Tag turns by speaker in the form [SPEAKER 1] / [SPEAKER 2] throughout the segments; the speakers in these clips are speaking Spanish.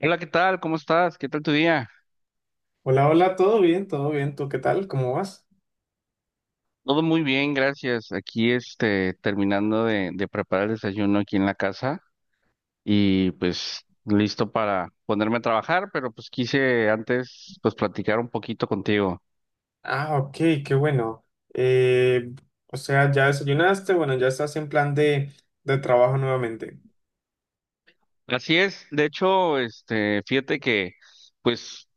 [SPEAKER 1] Hola, ¿qué tal? ¿Cómo estás? ¿Qué tal tu día?
[SPEAKER 2] Hola, hola, todo bien, todo bien. ¿Tú qué tal? ¿Cómo vas?
[SPEAKER 1] Todo muy bien, gracias. Aquí, terminando de preparar el desayuno aquí en la casa y pues listo para ponerme a trabajar, pero pues quise antes pues platicar un poquito contigo.
[SPEAKER 2] Ah, ok, qué bueno. Eh, o sea, ya desayunaste, bueno, ya estás en plan de trabajo nuevamente.
[SPEAKER 1] Así es, de hecho, fíjate que pues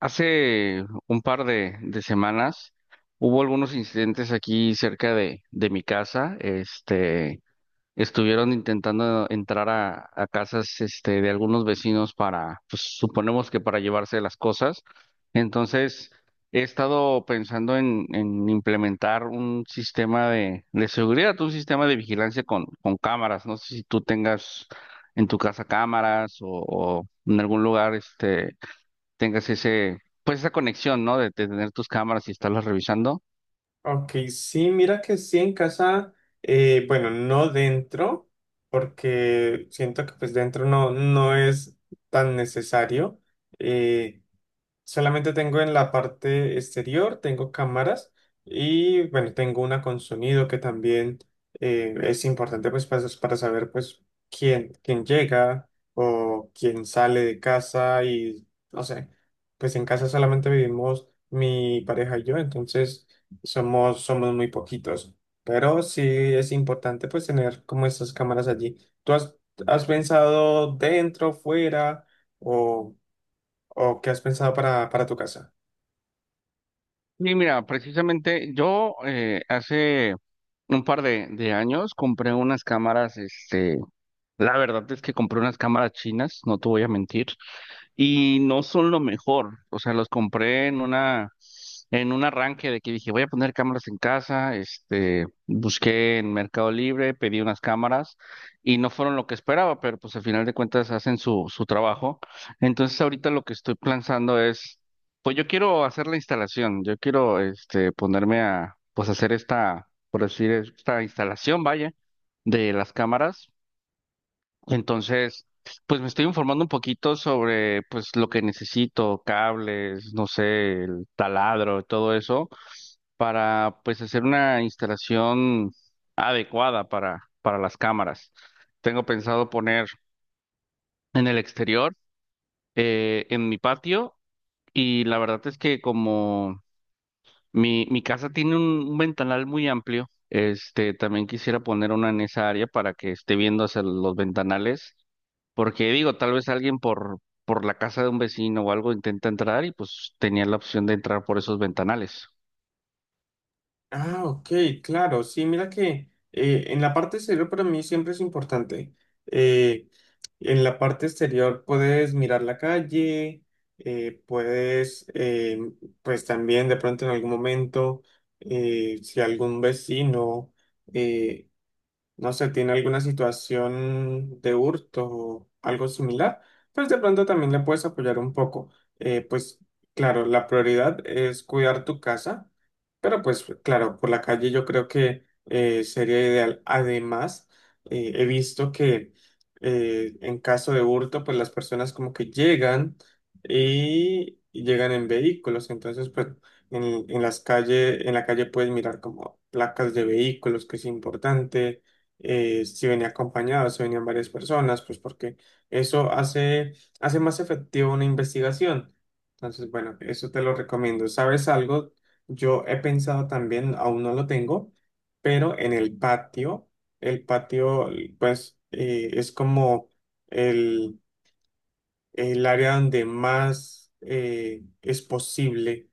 [SPEAKER 1] hace un par de semanas hubo algunos incidentes aquí cerca de mi casa, este. Estuvieron intentando entrar a casas este, de algunos vecinos para, pues suponemos que para llevarse las cosas. Entonces, he estado pensando en implementar un sistema de seguridad, un sistema de vigilancia con cámaras. No sé si tú tengas en tu casa cámaras o en algún lugar este, tengas ese, pues esa conexión, ¿no? De tener tus cámaras y estarlas revisando.
[SPEAKER 2] Ok, sí, mira que sí en casa, bueno, no dentro, porque siento que pues dentro no es tan necesario. eh, Solamente tengo en la parte exterior, tengo cámaras y bueno, tengo una con sonido que también es importante pues para saber pues quién llega o quién sale de casa y no sé, pues en casa solamente vivimos mi pareja y yo. Entonces somos muy poquitos, pero sí es importante pues tener como estas cámaras allí. ¿Tú has pensado dentro, fuera o... ¿O qué has pensado para tu casa?
[SPEAKER 1] Sí, mira, precisamente yo hace un par de años compré unas cámaras, este, la verdad es que compré unas cámaras chinas, no te voy a mentir, y no son lo mejor. O sea, los compré en una, en un arranque de que dije, voy a poner cámaras en casa, este, busqué en Mercado Libre, pedí unas cámaras y no fueron lo que esperaba, pero pues al final de cuentas hacen su trabajo. Entonces ahorita lo que estoy pensando es, pues yo quiero hacer la instalación, yo quiero, este, ponerme a, pues hacer esta, por decir, esta instalación, vaya, de las cámaras entonces, pues me estoy informando un poquito sobre pues lo que necesito, cables, no sé, el taladro, todo eso, para pues hacer una instalación adecuada para las cámaras. Tengo pensado poner en el exterior, en mi patio, y la verdad es que como mi casa tiene un ventanal muy amplio, este, también quisiera poner una en esa área para que esté viendo hacia los ventanales porque digo, tal vez alguien por la casa de un vecino o algo intenta entrar y pues tenía la opción de entrar por esos ventanales.
[SPEAKER 2] Ah, ok, claro. Sí, mira que en la parte exterior para mí siempre es importante. Eh, en la parte exterior puedes mirar la calle, puedes, pues también de pronto en algún momento, si algún vecino... eh, no sé, tiene alguna situación de hurto o algo similar, pues de pronto también le puedes apoyar un poco. Pues claro, la prioridad es cuidar tu casa, pero pues claro, por la calle yo creo que sería ideal. Además, he visto que en caso de hurto, pues las personas como que llegan y llegan en vehículos. Entonces pues en, en las calles, en la calle puedes mirar como placas de vehículos, que es importante. Si venía acompañado, si venían varias personas, pues porque eso hace, hace más efectiva una investigación. Entonces, bueno, eso te lo recomiendo. ¿Sabes algo? Yo he pensado también, aún no lo tengo, pero en el patio, el patio, pues, es como el, el área donde más es posible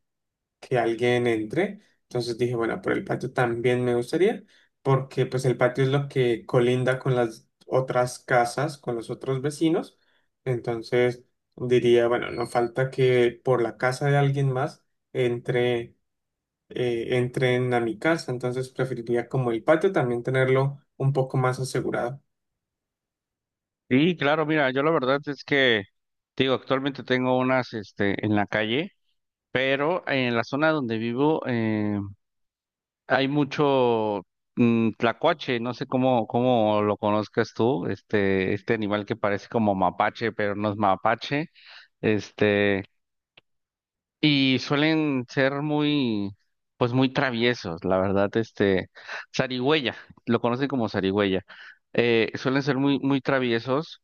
[SPEAKER 2] que alguien entre. Entonces dije, bueno, por el patio también me gustaría, porque pues el patio es lo que colinda con las otras casas, con los otros vecinos. Entonces diría, bueno, no falta que por la casa de alguien más entre, entren a mi casa. Entonces preferiría como el patio también tenerlo un poco más asegurado.
[SPEAKER 1] Sí, claro, mira, yo la verdad es que, te digo, actualmente tengo unas, este, en la calle, pero en la zona donde vivo hay mucho tlacuache, no sé cómo, cómo lo conozcas tú, este animal que parece como mapache, pero no es mapache, este... Y suelen ser muy, pues muy traviesos, la verdad, este, zarigüeya, lo conocen como zarigüeya. Suelen ser muy, muy traviesos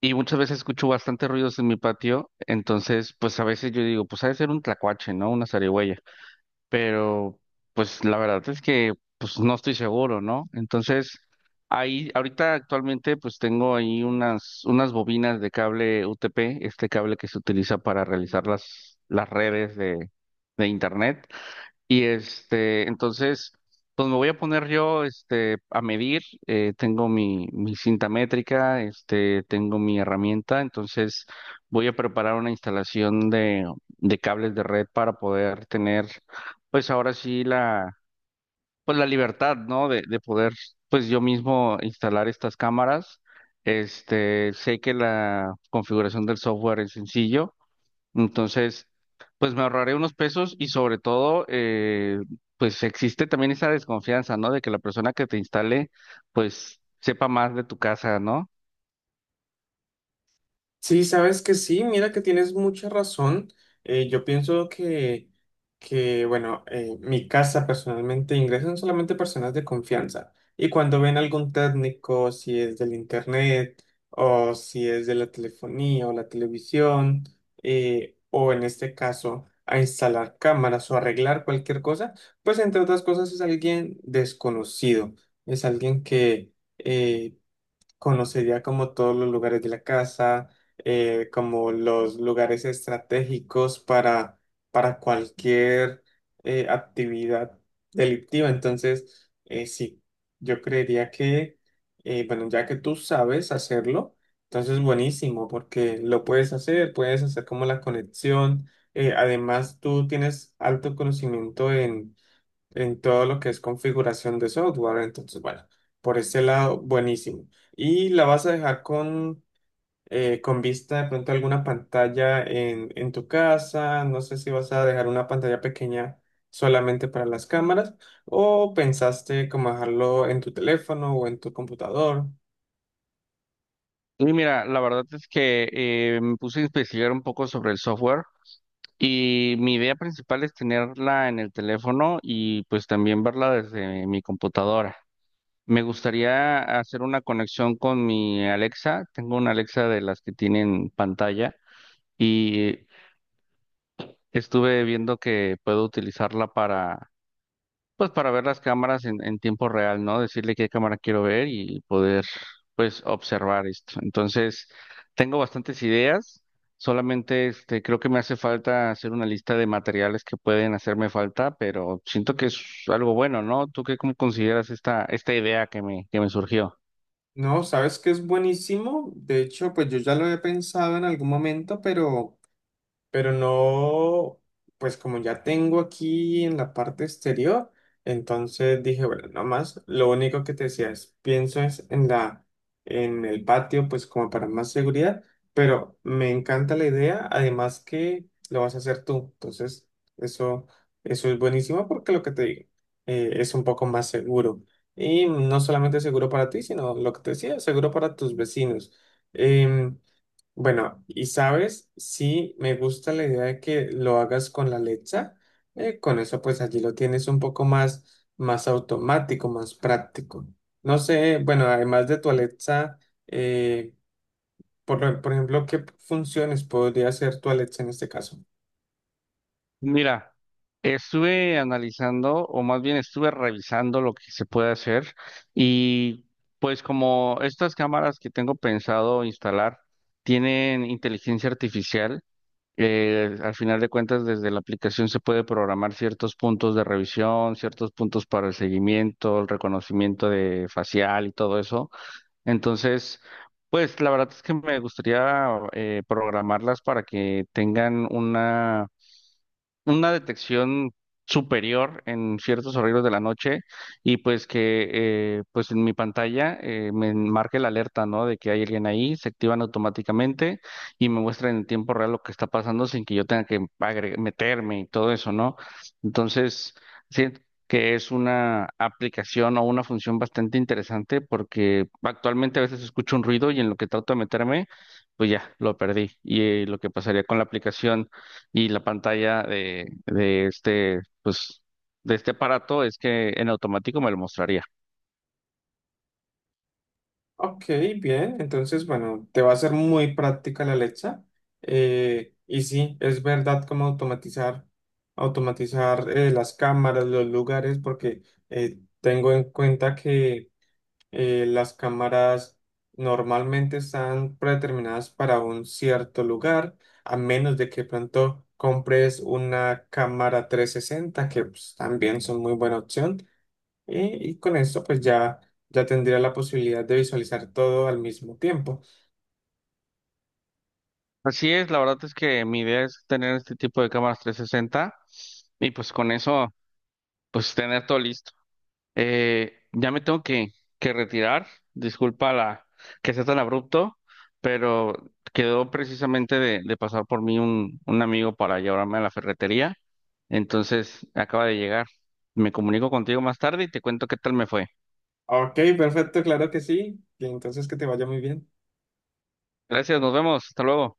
[SPEAKER 1] y muchas veces escucho bastantes ruidos en mi patio, entonces, pues a veces yo digo, pues ha de ser un tlacuache, ¿no? Una zarigüeya, pero pues la verdad es que pues no estoy seguro, ¿no? Entonces, ahí ahorita actualmente pues tengo ahí unas bobinas de cable UTP, este cable que se utiliza para realizar las redes de internet y este, entonces, pues me voy a poner yo este, a medir. Tengo mi cinta métrica, este, tengo mi herramienta. Entonces, voy a preparar una instalación de cables de red para poder tener, pues ahora sí, la, pues la libertad, ¿no? De poder, pues yo mismo instalar estas cámaras. Este, sé que la configuración del software es sencillo. Entonces, pues me ahorraré unos pesos y sobre todo, pues existe también esa desconfianza, ¿no? De que la persona que te instale, pues sepa más de tu casa, ¿no?
[SPEAKER 2] Sí, sabes que sí, mira que tienes mucha razón. Yo pienso que bueno, mi casa personalmente ingresan solamente personas de confianza. Y cuando ven algún técnico, si es del internet o si es de la telefonía o la televisión, o en este caso a instalar cámaras o arreglar cualquier cosa, pues entre otras cosas es alguien desconocido, es alguien que... eh, conocería como todos los lugares de la casa, como los lugares estratégicos para cualquier actividad delictiva. Entonces, sí, yo creería que bueno, ya que tú sabes hacerlo, entonces buenísimo, porque lo puedes hacer como la conexión. Además, tú tienes alto conocimiento en todo lo que es configuración de software. Entonces, bueno, por ese lado, buenísimo. Y la vas a dejar con con vista de pronto a alguna pantalla en tu casa. No sé si vas a dejar una pantalla pequeña solamente para las cámaras o pensaste como dejarlo en tu teléfono o en tu computador.
[SPEAKER 1] Y mira, la verdad es que me puse a investigar un poco sobre el software y mi idea principal es tenerla en el teléfono y pues también verla desde mi computadora. Me gustaría hacer una conexión con mi Alexa. Tengo una Alexa de las que tienen pantalla. Y estuve viendo que puedo utilizarla para, pues para ver las cámaras en tiempo real, ¿no? Decirle qué cámara quiero ver y poder, pues, observar esto. Entonces, tengo bastantes ideas. Solamente, este, creo que me hace falta hacer una lista de materiales que pueden hacerme falta, pero siento que es algo bueno, ¿no? ¿Tú qué cómo consideras esta, esta idea que me surgió?
[SPEAKER 2] No, sabes que es buenísimo. De hecho, pues yo ya lo he pensado en algún momento, pero no, pues como ya tengo aquí en la parte exterior, entonces dije, bueno, no más, lo único que te decía es, pienso es en el patio, pues como para más seguridad, pero me encanta la idea, además que lo vas a hacer tú. Entonces eso, eso es buenísimo porque lo que te digo, es un poco más seguro. Y no solamente seguro para ti, sino lo que te decía, seguro para tus vecinos. Em, bueno, y sabes, sí me gusta la idea de que lo hagas con la lecha. Con eso pues allí lo tienes un poco más, más automático, más práctico. No sé, bueno, además de tu Alexa, eh, por ejemplo, ¿qué funciones podría hacer tu Alexa en este caso?
[SPEAKER 1] Mira, estuve analizando, o más bien estuve revisando lo que se puede hacer y pues como estas cámaras que tengo pensado instalar tienen inteligencia artificial, al final de cuentas desde la aplicación se puede programar ciertos puntos de revisión, ciertos puntos para el seguimiento, el reconocimiento de facial y todo eso. Entonces, pues la verdad es que me gustaría programarlas para que tengan una detección superior en ciertos horarios de la noche y pues que pues en mi pantalla me marque la alerta, ¿no? De que hay alguien ahí, se activan automáticamente y me muestran en tiempo real lo que está pasando sin que yo tenga que meterme y todo eso, ¿no? Entonces, siento que es una aplicación o una función bastante interesante porque actualmente a veces escucho un ruido y en lo que trato de meterme, pues ya, lo perdí. Y lo que pasaría con la aplicación y la pantalla de este, pues, de este aparato es que en automático me lo mostraría.
[SPEAKER 2] Ok, bien, entonces bueno, te va a ser muy práctica la Alexa. Y sí, es verdad como automatizar las cámaras, los lugares, porque tengo en cuenta que las cámaras normalmente están predeterminadas para un cierto lugar, a menos de que pronto compres una cámara 360, que pues, también son muy buena opción. Y con esto, pues ya, ya tendría la posibilidad de visualizar todo al mismo tiempo.
[SPEAKER 1] Así es, la verdad es que mi idea es tener este tipo de cámaras 360 y pues con eso, pues tener todo listo. Ya me tengo que retirar, disculpa la que sea tan abrupto, pero quedó precisamente de pasar por mí un amigo para llevarme a la ferretería, entonces acaba de llegar. Me comunico contigo más tarde y te cuento qué tal me fue.
[SPEAKER 2] Ok, perfecto, claro que sí. Y entonces que te vaya muy bien.
[SPEAKER 1] Gracias, nos vemos. Hasta luego.